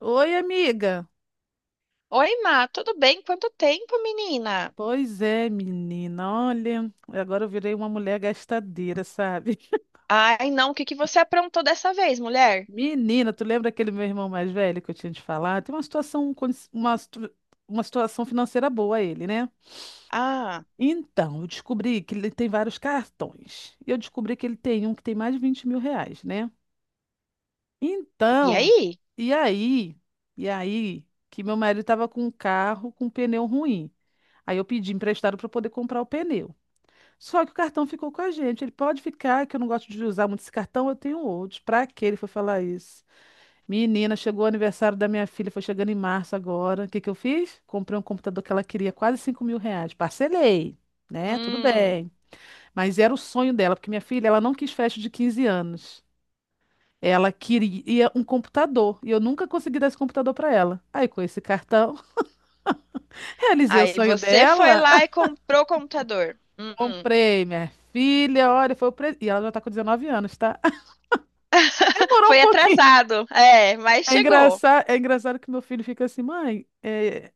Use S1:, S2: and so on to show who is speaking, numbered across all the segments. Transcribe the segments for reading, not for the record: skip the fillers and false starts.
S1: Oi, amiga.
S2: Oi, Má, tudo bem? Quanto tempo, menina?
S1: Pois é, menina. Olha, agora eu virei uma mulher gastadeira, sabe?
S2: Ai, não, o que que você aprontou dessa vez, mulher?
S1: Menina, tu lembra aquele meu irmão mais velho que eu tinha te falado? Tem uma situação, con- uma, situ- uma situação financeira boa ele, né?
S2: Ah,
S1: Então, eu descobri que ele tem vários cartões. E eu descobri que ele tem um que tem mais de 20.000 reais, né?
S2: e
S1: Então,
S2: aí?
S1: e aí? E aí que meu marido estava com um carro com um pneu ruim. Aí eu pedi emprestado para poder comprar o pneu. Só que o cartão ficou com a gente. Ele pode ficar, que eu não gosto de usar muito esse cartão, eu tenho outros. Pra que ele foi falar isso? Menina, chegou o aniversário da minha filha, foi chegando em março agora. O que que eu fiz? Comprei um computador que ela queria, quase 5.000 reais. Parcelei, né? Tudo
S2: Hum,
S1: bem. Mas era o sonho dela, porque minha filha, ela não quis festa de 15 anos. Ela queria um computador e eu nunca consegui dar esse computador pra ela. Aí, com esse cartão, realizei o
S2: aí
S1: sonho
S2: você foi
S1: dela.
S2: lá e comprou o computador.
S1: Comprei, minha filha, olha, foi o presente. E ela já tá com 19 anos, tá? Demorou um
S2: Foi
S1: pouquinho.
S2: atrasado, é, mas chegou.
S1: É engraçado que meu filho fica assim, mãe,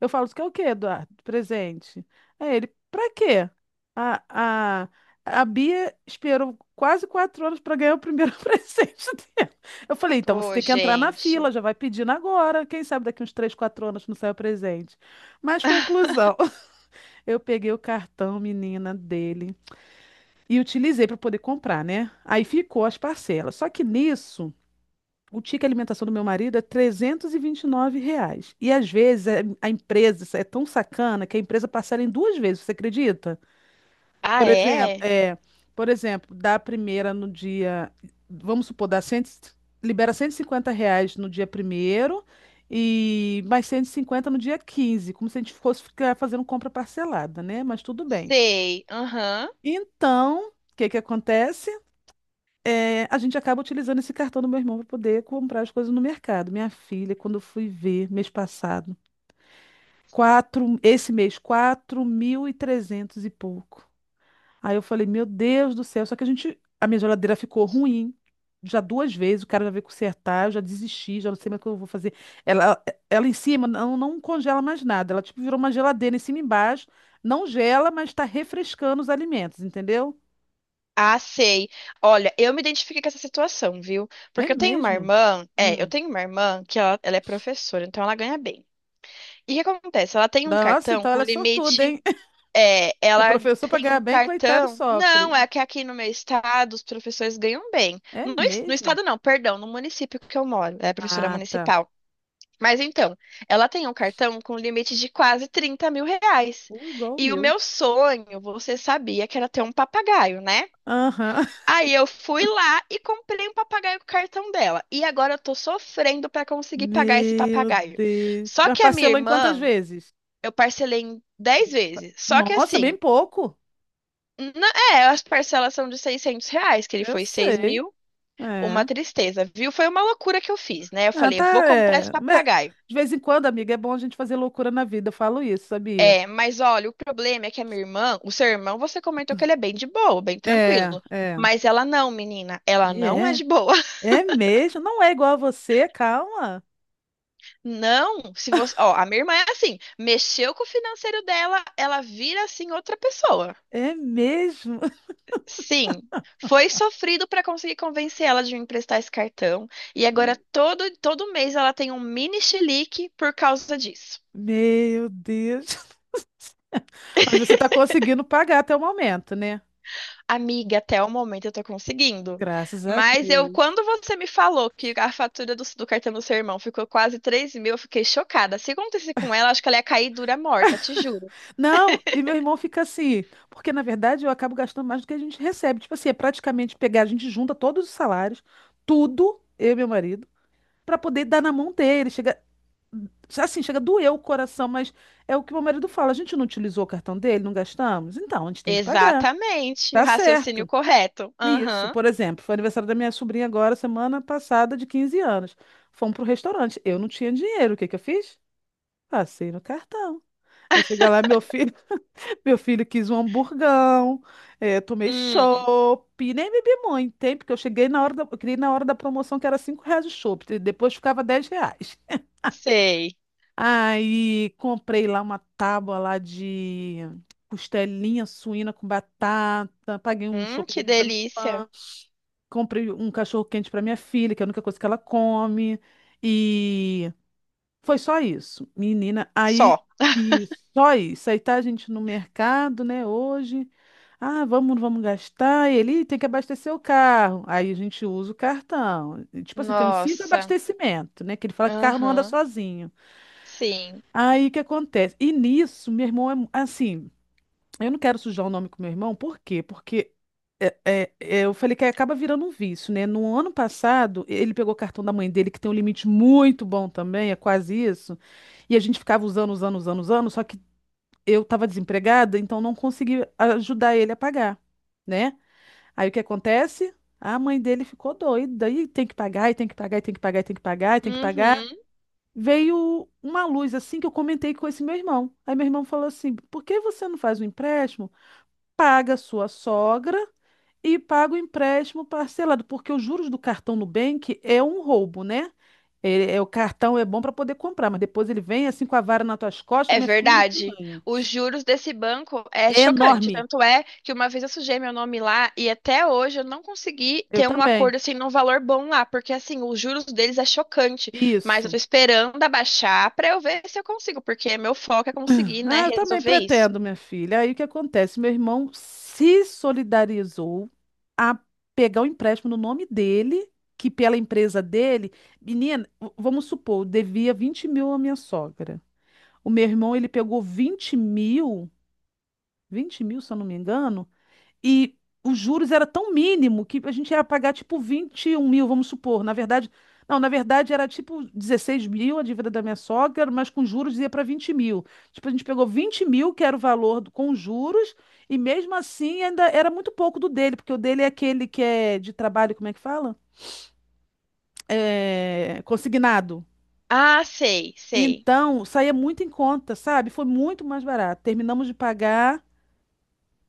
S1: eu falo, isso que é o quê, Eduardo? Presente. Aí ele, pra quê? A, a, a Bia esperou quase 4 anos para ganhar o primeiro presente dela. Eu falei, então você
S2: Ô,
S1: tem que entrar na
S2: gente.
S1: fila, já vai pedindo agora. Quem sabe daqui uns três, quatro anos não sai o presente. Mas conclusão, eu peguei o cartão, menina, dele e utilizei para poder comprar, né? Aí ficou as parcelas. Só que nisso. O ticket alimentação do meu marido é trezentos e vinte e nove reais. E às vezes a empresa é tão sacana que a empresa parcela em duas vezes, você acredita?
S2: Ah,
S1: Por exemplo,
S2: é?
S1: por exemplo, dá a primeira no dia, vamos supor, dá 100, libera 150 reais no dia primeiro e mais 150 no dia 15, como se a gente fosse ficar fazendo compra parcelada, né? Mas tudo bem.
S2: Sei, aham.
S1: Então, o que que acontece? A gente acaba utilizando esse cartão do meu irmão para poder comprar as coisas no mercado. Minha filha, quando eu fui ver mês passado, quatro, esse mês, 4.300 e trezentos e pouco. Aí eu falei, meu Deus do céu, só que a gente, a minha geladeira ficou ruim. Já duas vezes, o cara já veio consertar, eu já desisti, já não sei mais o que eu vou fazer. Ela, ela em cima não, não congela mais nada, ela tipo virou uma geladeira em cima e embaixo, não gela, mas está refrescando os alimentos, entendeu?
S2: Ah, sei. Olha, eu me identifiquei com essa situação, viu?
S1: É
S2: Porque
S1: mesmo?
S2: eu
S1: Hum.
S2: tenho uma irmã que ela é professora, então ela ganha bem. E o que acontece? Ela tem um
S1: Nossa,
S2: cartão
S1: então
S2: com
S1: ela é sortuda,
S2: limite.
S1: hein?
S2: É,
S1: E o
S2: ela ganha
S1: professor para ganhar
S2: um
S1: bem, coitado,
S2: cartão. Não,
S1: sofre.
S2: é que aqui no meu estado os professores ganham bem.
S1: É
S2: No
S1: mesmo?
S2: estado não, perdão, no município que eu moro. É professora
S1: Ah, tá.
S2: municipal. Mas então, ela tem um cartão com limite de quase R$ 30.000.
S1: Ou igual o
S2: E o
S1: meu.
S2: meu sonho, você sabia que era ter um papagaio, né?
S1: Aham.
S2: Aí eu fui lá e comprei um papagaio com o cartão dela. E agora eu tô sofrendo pra conseguir pagar esse
S1: Meu
S2: papagaio.
S1: Deus.
S2: Só
S1: Mas
S2: que a minha
S1: parcelou em quantas
S2: irmã
S1: vezes?
S2: eu parcelei em 10
S1: 24.
S2: vezes. Só que
S1: Nossa, bem
S2: assim,
S1: pouco.
S2: na- é, as parcelas são de R$ 600, que ele
S1: Eu
S2: foi seis
S1: sei.
S2: mil. Uma
S1: É.
S2: tristeza, viu? Foi uma loucura que eu fiz, né? Eu
S1: Ah,
S2: falei,
S1: tá.
S2: vou comprar esse
S1: É. Mas,
S2: papagaio.
S1: de vez em quando, amiga, é bom a gente fazer loucura na vida. Eu falo isso, sabia?
S2: É, mas olha, o problema é que a minha irmã, o seu irmão, você comentou que ele é bem de boa, bem
S1: É,
S2: tranquilo.
S1: é.
S2: Mas ela não, menina, ela
S1: E
S2: não é
S1: é.
S2: de boa.
S1: É mesmo. Não é igual a você, calma.
S2: Não, se você, ó, a minha irmã é assim, mexeu com o financeiro dela, ela vira assim outra pessoa.
S1: É mesmo.
S2: Sim, foi sofrido para conseguir convencer ela de me emprestar esse cartão. E agora todo mês ela tem um mini chilique por causa disso.
S1: Meu Deus. Mas você está conseguindo pagar até o momento, né?
S2: Amiga, até o momento eu tô conseguindo.
S1: Graças a
S2: Mas eu,
S1: Deus.
S2: quando você me falou que a fatura do cartão do seu irmão ficou quase 3.000, eu fiquei chocada. Se acontecesse com ela, acho que ela ia cair dura morta, te juro.
S1: Não, e meu irmão fica assim, porque na verdade eu acabo gastando mais do que a gente recebe. Tipo assim, é praticamente pegar, a gente junta todos os salários, tudo, eu e meu marido, para poder dar na mão dele. Chega, assim, chega a doer o coração, mas é o que meu marido fala, a gente não utilizou o cartão dele, não gastamos? Então, a gente tem que pagar.
S2: Exatamente,
S1: Tá
S2: raciocínio
S1: certo.
S2: correto.
S1: Isso,
S2: Aham.
S1: por exemplo, foi aniversário da minha sobrinha agora, semana passada, de 15 anos. Fomos pro restaurante. Eu não tinha dinheiro. O que que eu fiz? Passei no cartão. Aí chega lá, meu filho, meu filho quis um hamburgão, tomei
S2: Hum,
S1: chopp, nem bebi muito, hein? Porque eu cheguei na hora da, eu queria ir na hora da promoção que era 5 reais o chopp, e depois ficava 10 reais.
S2: sei.
S1: Aí comprei lá uma tábua lá de costelinha suína com batata, paguei um chopp de
S2: Que
S1: vinho pra minha
S2: delícia.
S1: irmã. Comprei um cachorro-quente para minha filha, que é a única coisa que ela come. E foi só isso, menina.
S2: Só.
S1: Aí, e só isso. Aí tá a gente no mercado, né, hoje. Ah, vamos gastar. E ele "Ih, tem que abastecer o carro. Aí a gente usa o cartão. E, tipo assim, tem uns cinco
S2: Nossa.
S1: abastecimentos, né? Que ele fala que carro não anda
S2: Aham.
S1: sozinho.
S2: Sim.
S1: Aí o que acontece? E nisso, meu irmão é assim. Eu não quero sujar o nome com meu irmão, por quê? Porque eu falei que acaba virando um vício, né? No ano passado, ele pegou o cartão da mãe dele, que tem um limite muito bom também, é quase isso. E a gente ficava usando, usando, usando, usando, só que eu estava desempregada, então não consegui ajudar ele a pagar, né? Aí o que acontece? A mãe dele ficou doida, e tem que pagar, e tem que pagar, e tem que pagar, e tem que pagar, e tem que pagar.
S2: Uhum.
S1: Veio uma luz assim que eu comentei com esse meu irmão. Aí meu irmão falou assim: por que você não faz um empréstimo? Paga a sua sogra e paga o empréstimo parcelado, porque os juros do cartão Nubank é um roubo, né? É, o cartão é bom para poder comprar, mas depois ele vem assim com a vara nas tuas costas,
S2: É
S1: minha filha,
S2: verdade.
S1: e te
S2: Os juros desse banco é
S1: É
S2: chocante.
S1: enorme.
S2: Tanto é que uma vez eu sujei meu nome lá e até hoje eu não consegui
S1: Eu
S2: ter um
S1: também.
S2: acordo assim num valor bom lá, porque assim, os juros deles é chocante, mas eu tô
S1: Isso.
S2: esperando abaixar pra eu ver se eu consigo, porque meu foco é conseguir, né,
S1: Ah, eu também
S2: resolver isso.
S1: pretendo, minha filha. Aí o que acontece? Meu irmão se solidarizou a pegar o empréstimo no nome dele, que pela empresa dele, menina, vamos supor, devia 20.000 à minha sogra. O meu irmão, ele pegou 20.000, 20.000, se eu não me engano, e os juros era tão mínimo que a gente ia pagar tipo 21.000, vamos supor. Na verdade, não, na verdade era tipo 16.000 a dívida da minha sogra, mas com juros ia para 20.000. Tipo, a gente pegou 20.000, que era o valor com juros, e mesmo assim ainda era muito pouco do dele, porque o dele é aquele que é de trabalho, como é que fala? É, consignado.
S2: Ah, sei, sei.
S1: Então, saía muito em conta, sabe? Foi muito mais barato. Terminamos de pagar.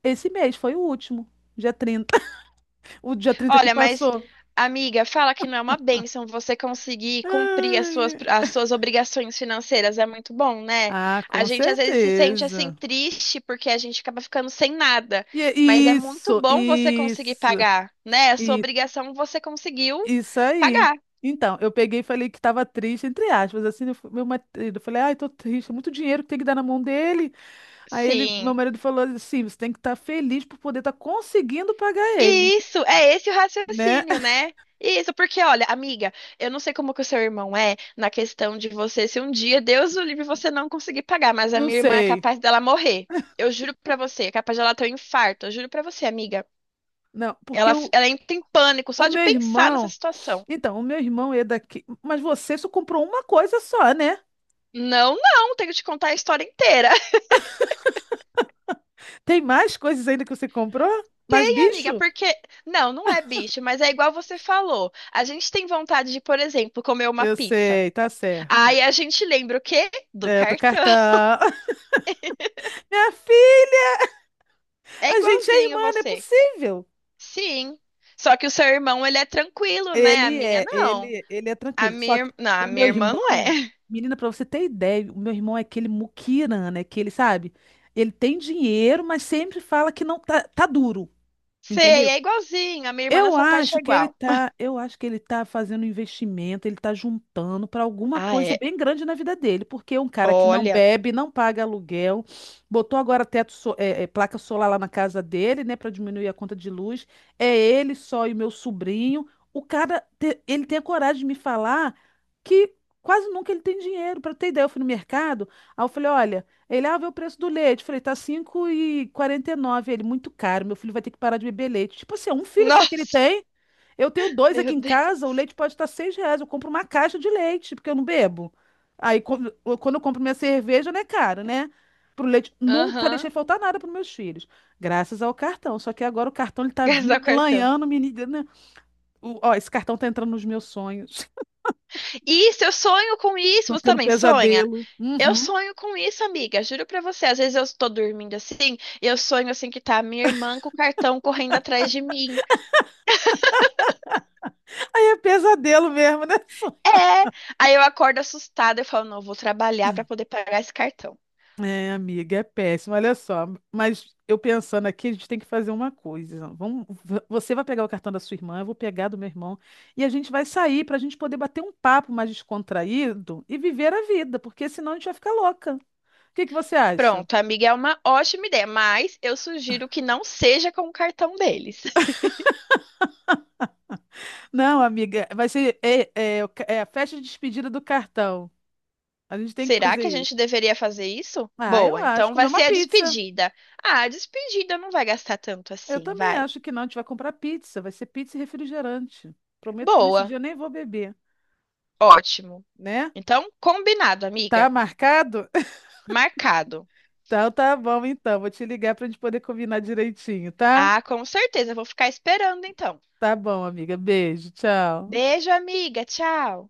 S1: Esse mês foi o último, dia 30. O dia 30 que
S2: Olha, mas
S1: passou.
S2: amiga, fala que não é uma bênção você conseguir cumprir as
S1: Ai,
S2: suas, as
S1: ai.
S2: suas obrigações financeiras. É muito bom, né?
S1: Ah,
S2: A
S1: com
S2: gente às vezes se sente assim
S1: certeza.
S2: triste porque a gente acaba ficando sem nada,
S1: E é
S2: mas é muito
S1: isso,
S2: bom você conseguir
S1: isso,
S2: pagar, né? A sua
S1: isso,
S2: obrigação você conseguiu
S1: isso aí.
S2: pagar.
S1: Então, eu peguei e falei que estava triste, entre aspas, assim, meu marido, eu falei, ai, tô triste, é muito dinheiro que tem que dar na mão dele. Aí ele, meu
S2: Sim.
S1: marido falou assim, você tem que estar feliz por poder estar conseguindo pagar ele,
S2: Isso, é esse o
S1: né?
S2: raciocínio, né? Isso, porque olha, amiga, eu não sei como que o seu irmão é na questão de você, se um dia, Deus o livre, você não conseguir pagar, mas a
S1: Não
S2: minha irmã é
S1: sei.
S2: capaz dela morrer. Eu juro pra você, é capaz dela ter um infarto. Eu juro pra você, amiga.
S1: Não, porque
S2: Ela, ela entra em pânico
S1: o
S2: só de
S1: meu
S2: pensar nessa
S1: irmão,
S2: situação.
S1: Então, o meu irmão é daqui. Mas você só comprou uma coisa só, né?
S2: Não, não, tenho que te contar a história inteira.
S1: Tem mais coisas ainda que você comprou? Mais
S2: Tem, amiga,
S1: bicho?
S2: porque. Não, não é bicho, mas é igual você falou. A gente tem vontade de, por exemplo, comer uma
S1: Eu
S2: pizza.
S1: sei, tá certo.
S2: Aí a gente lembra o quê? Do
S1: É, do
S2: cartão.
S1: cartão. Minha filha,
S2: É
S1: a gente é irmã,
S2: igualzinho
S1: não é
S2: você.
S1: possível.
S2: Sim. Só que o seu irmão, ele é tranquilo, né? A
S1: Ele
S2: minha
S1: é,
S2: não.
S1: ele, ele é tranquilo. Só que
S2: Não,
S1: o
S2: a
S1: meu
S2: minha irmã não é.
S1: irmão, menina, pra você ter ideia, o meu irmão é aquele muquirana, né? Que ele, sabe? Ele tem dinheiro, mas sempre fala que não tá, tá duro,
S2: Sei,
S1: entendeu?
S2: é igualzinho. A minha irmã
S1: Eu
S2: nessa parte
S1: acho
S2: é
S1: que ele
S2: igual.
S1: tá, eu acho que ele tá fazendo um investimento, ele tá juntando para alguma
S2: Ah,
S1: coisa
S2: é.
S1: bem grande na vida dele, porque é um cara que não
S2: Olha.
S1: bebe, não paga aluguel, botou agora teto, placa solar lá na casa dele, né, para diminuir a conta de luz. É ele só e meu sobrinho. O cara, ele tem a coragem de me falar que quase nunca ele tem dinheiro. Para ter ideia, eu fui no mercado, aí eu falei, olha ele, ah, vê o preço do leite. Eu falei, tá 5,49. Ele, muito caro. Meu filho vai ter que parar de beber leite. Tipo assim, é um filho só que ele
S2: Nossa,
S1: tem. Eu tenho dois
S2: meu
S1: aqui em casa. O
S2: Deus.
S1: leite pode estar 6 reais. Eu compro uma caixa de leite, porque eu não bebo. Aí, quando eu compro minha cerveja, não é caro, né? Pro leite. Nunca
S2: Aham.
S1: deixei faltar nada pros meus filhos. Graças ao cartão. Só que agora o cartão, ele tá
S2: Gastar
S1: vindo,
S2: o cartão.
S1: melanhando, menina. Ó, esse cartão tá entrando nos meus sonhos.
S2: Isso, eu sonho com isso.
S1: Tô
S2: Você
S1: tendo
S2: também sonha?
S1: pesadelo.
S2: Eu
S1: Uhum.
S2: sonho com isso, amiga. Juro pra você. Às vezes eu tô dormindo assim, e eu sonho assim que tá a minha irmã com o cartão correndo atrás de mim.
S1: Aí é pesadelo mesmo, né?
S2: É. Aí eu acordo assustada, eu falo, não, eu vou trabalhar para poder pagar esse cartão.
S1: É, amiga, é péssimo. Olha só, mas eu pensando aqui, a gente tem que fazer uma coisa. Você vai pegar o cartão da sua irmã, eu vou pegar do meu irmão, e a gente vai sair para a gente poder bater um papo mais descontraído e viver a vida, porque senão a gente vai ficar louca. O que que você acha?
S2: Pronto, amiga, é uma ótima ideia, mas eu sugiro que não seja com o cartão deles.
S1: Não, amiga, vai ser é, é, o ca- é a festa de despedida do cartão. A gente tem que
S2: Será
S1: fazer
S2: que a gente
S1: isso.
S2: deveria fazer isso?
S1: Ah, eu
S2: Boa,
S1: acho.
S2: então
S1: Comer
S2: vai
S1: uma
S2: ser a
S1: pizza.
S2: despedida. Ah, a despedida não vai gastar tanto
S1: Eu
S2: assim,
S1: também
S2: vai.
S1: acho que não. A gente vai comprar pizza. Vai ser pizza e refrigerante. Prometo que nesse dia
S2: Boa,
S1: eu nem vou beber,
S2: ótimo.
S1: né?
S2: Então, combinado,
S1: Tá
S2: amiga.
S1: marcado?
S2: Marcado.
S1: Então tá bom, então. Vou te ligar pra gente poder combinar direitinho, tá?
S2: Ah, com certeza, eu vou ficar esperando então.
S1: Tá bom, amiga. Beijo, tchau.
S2: Beijo, amiga, tchau.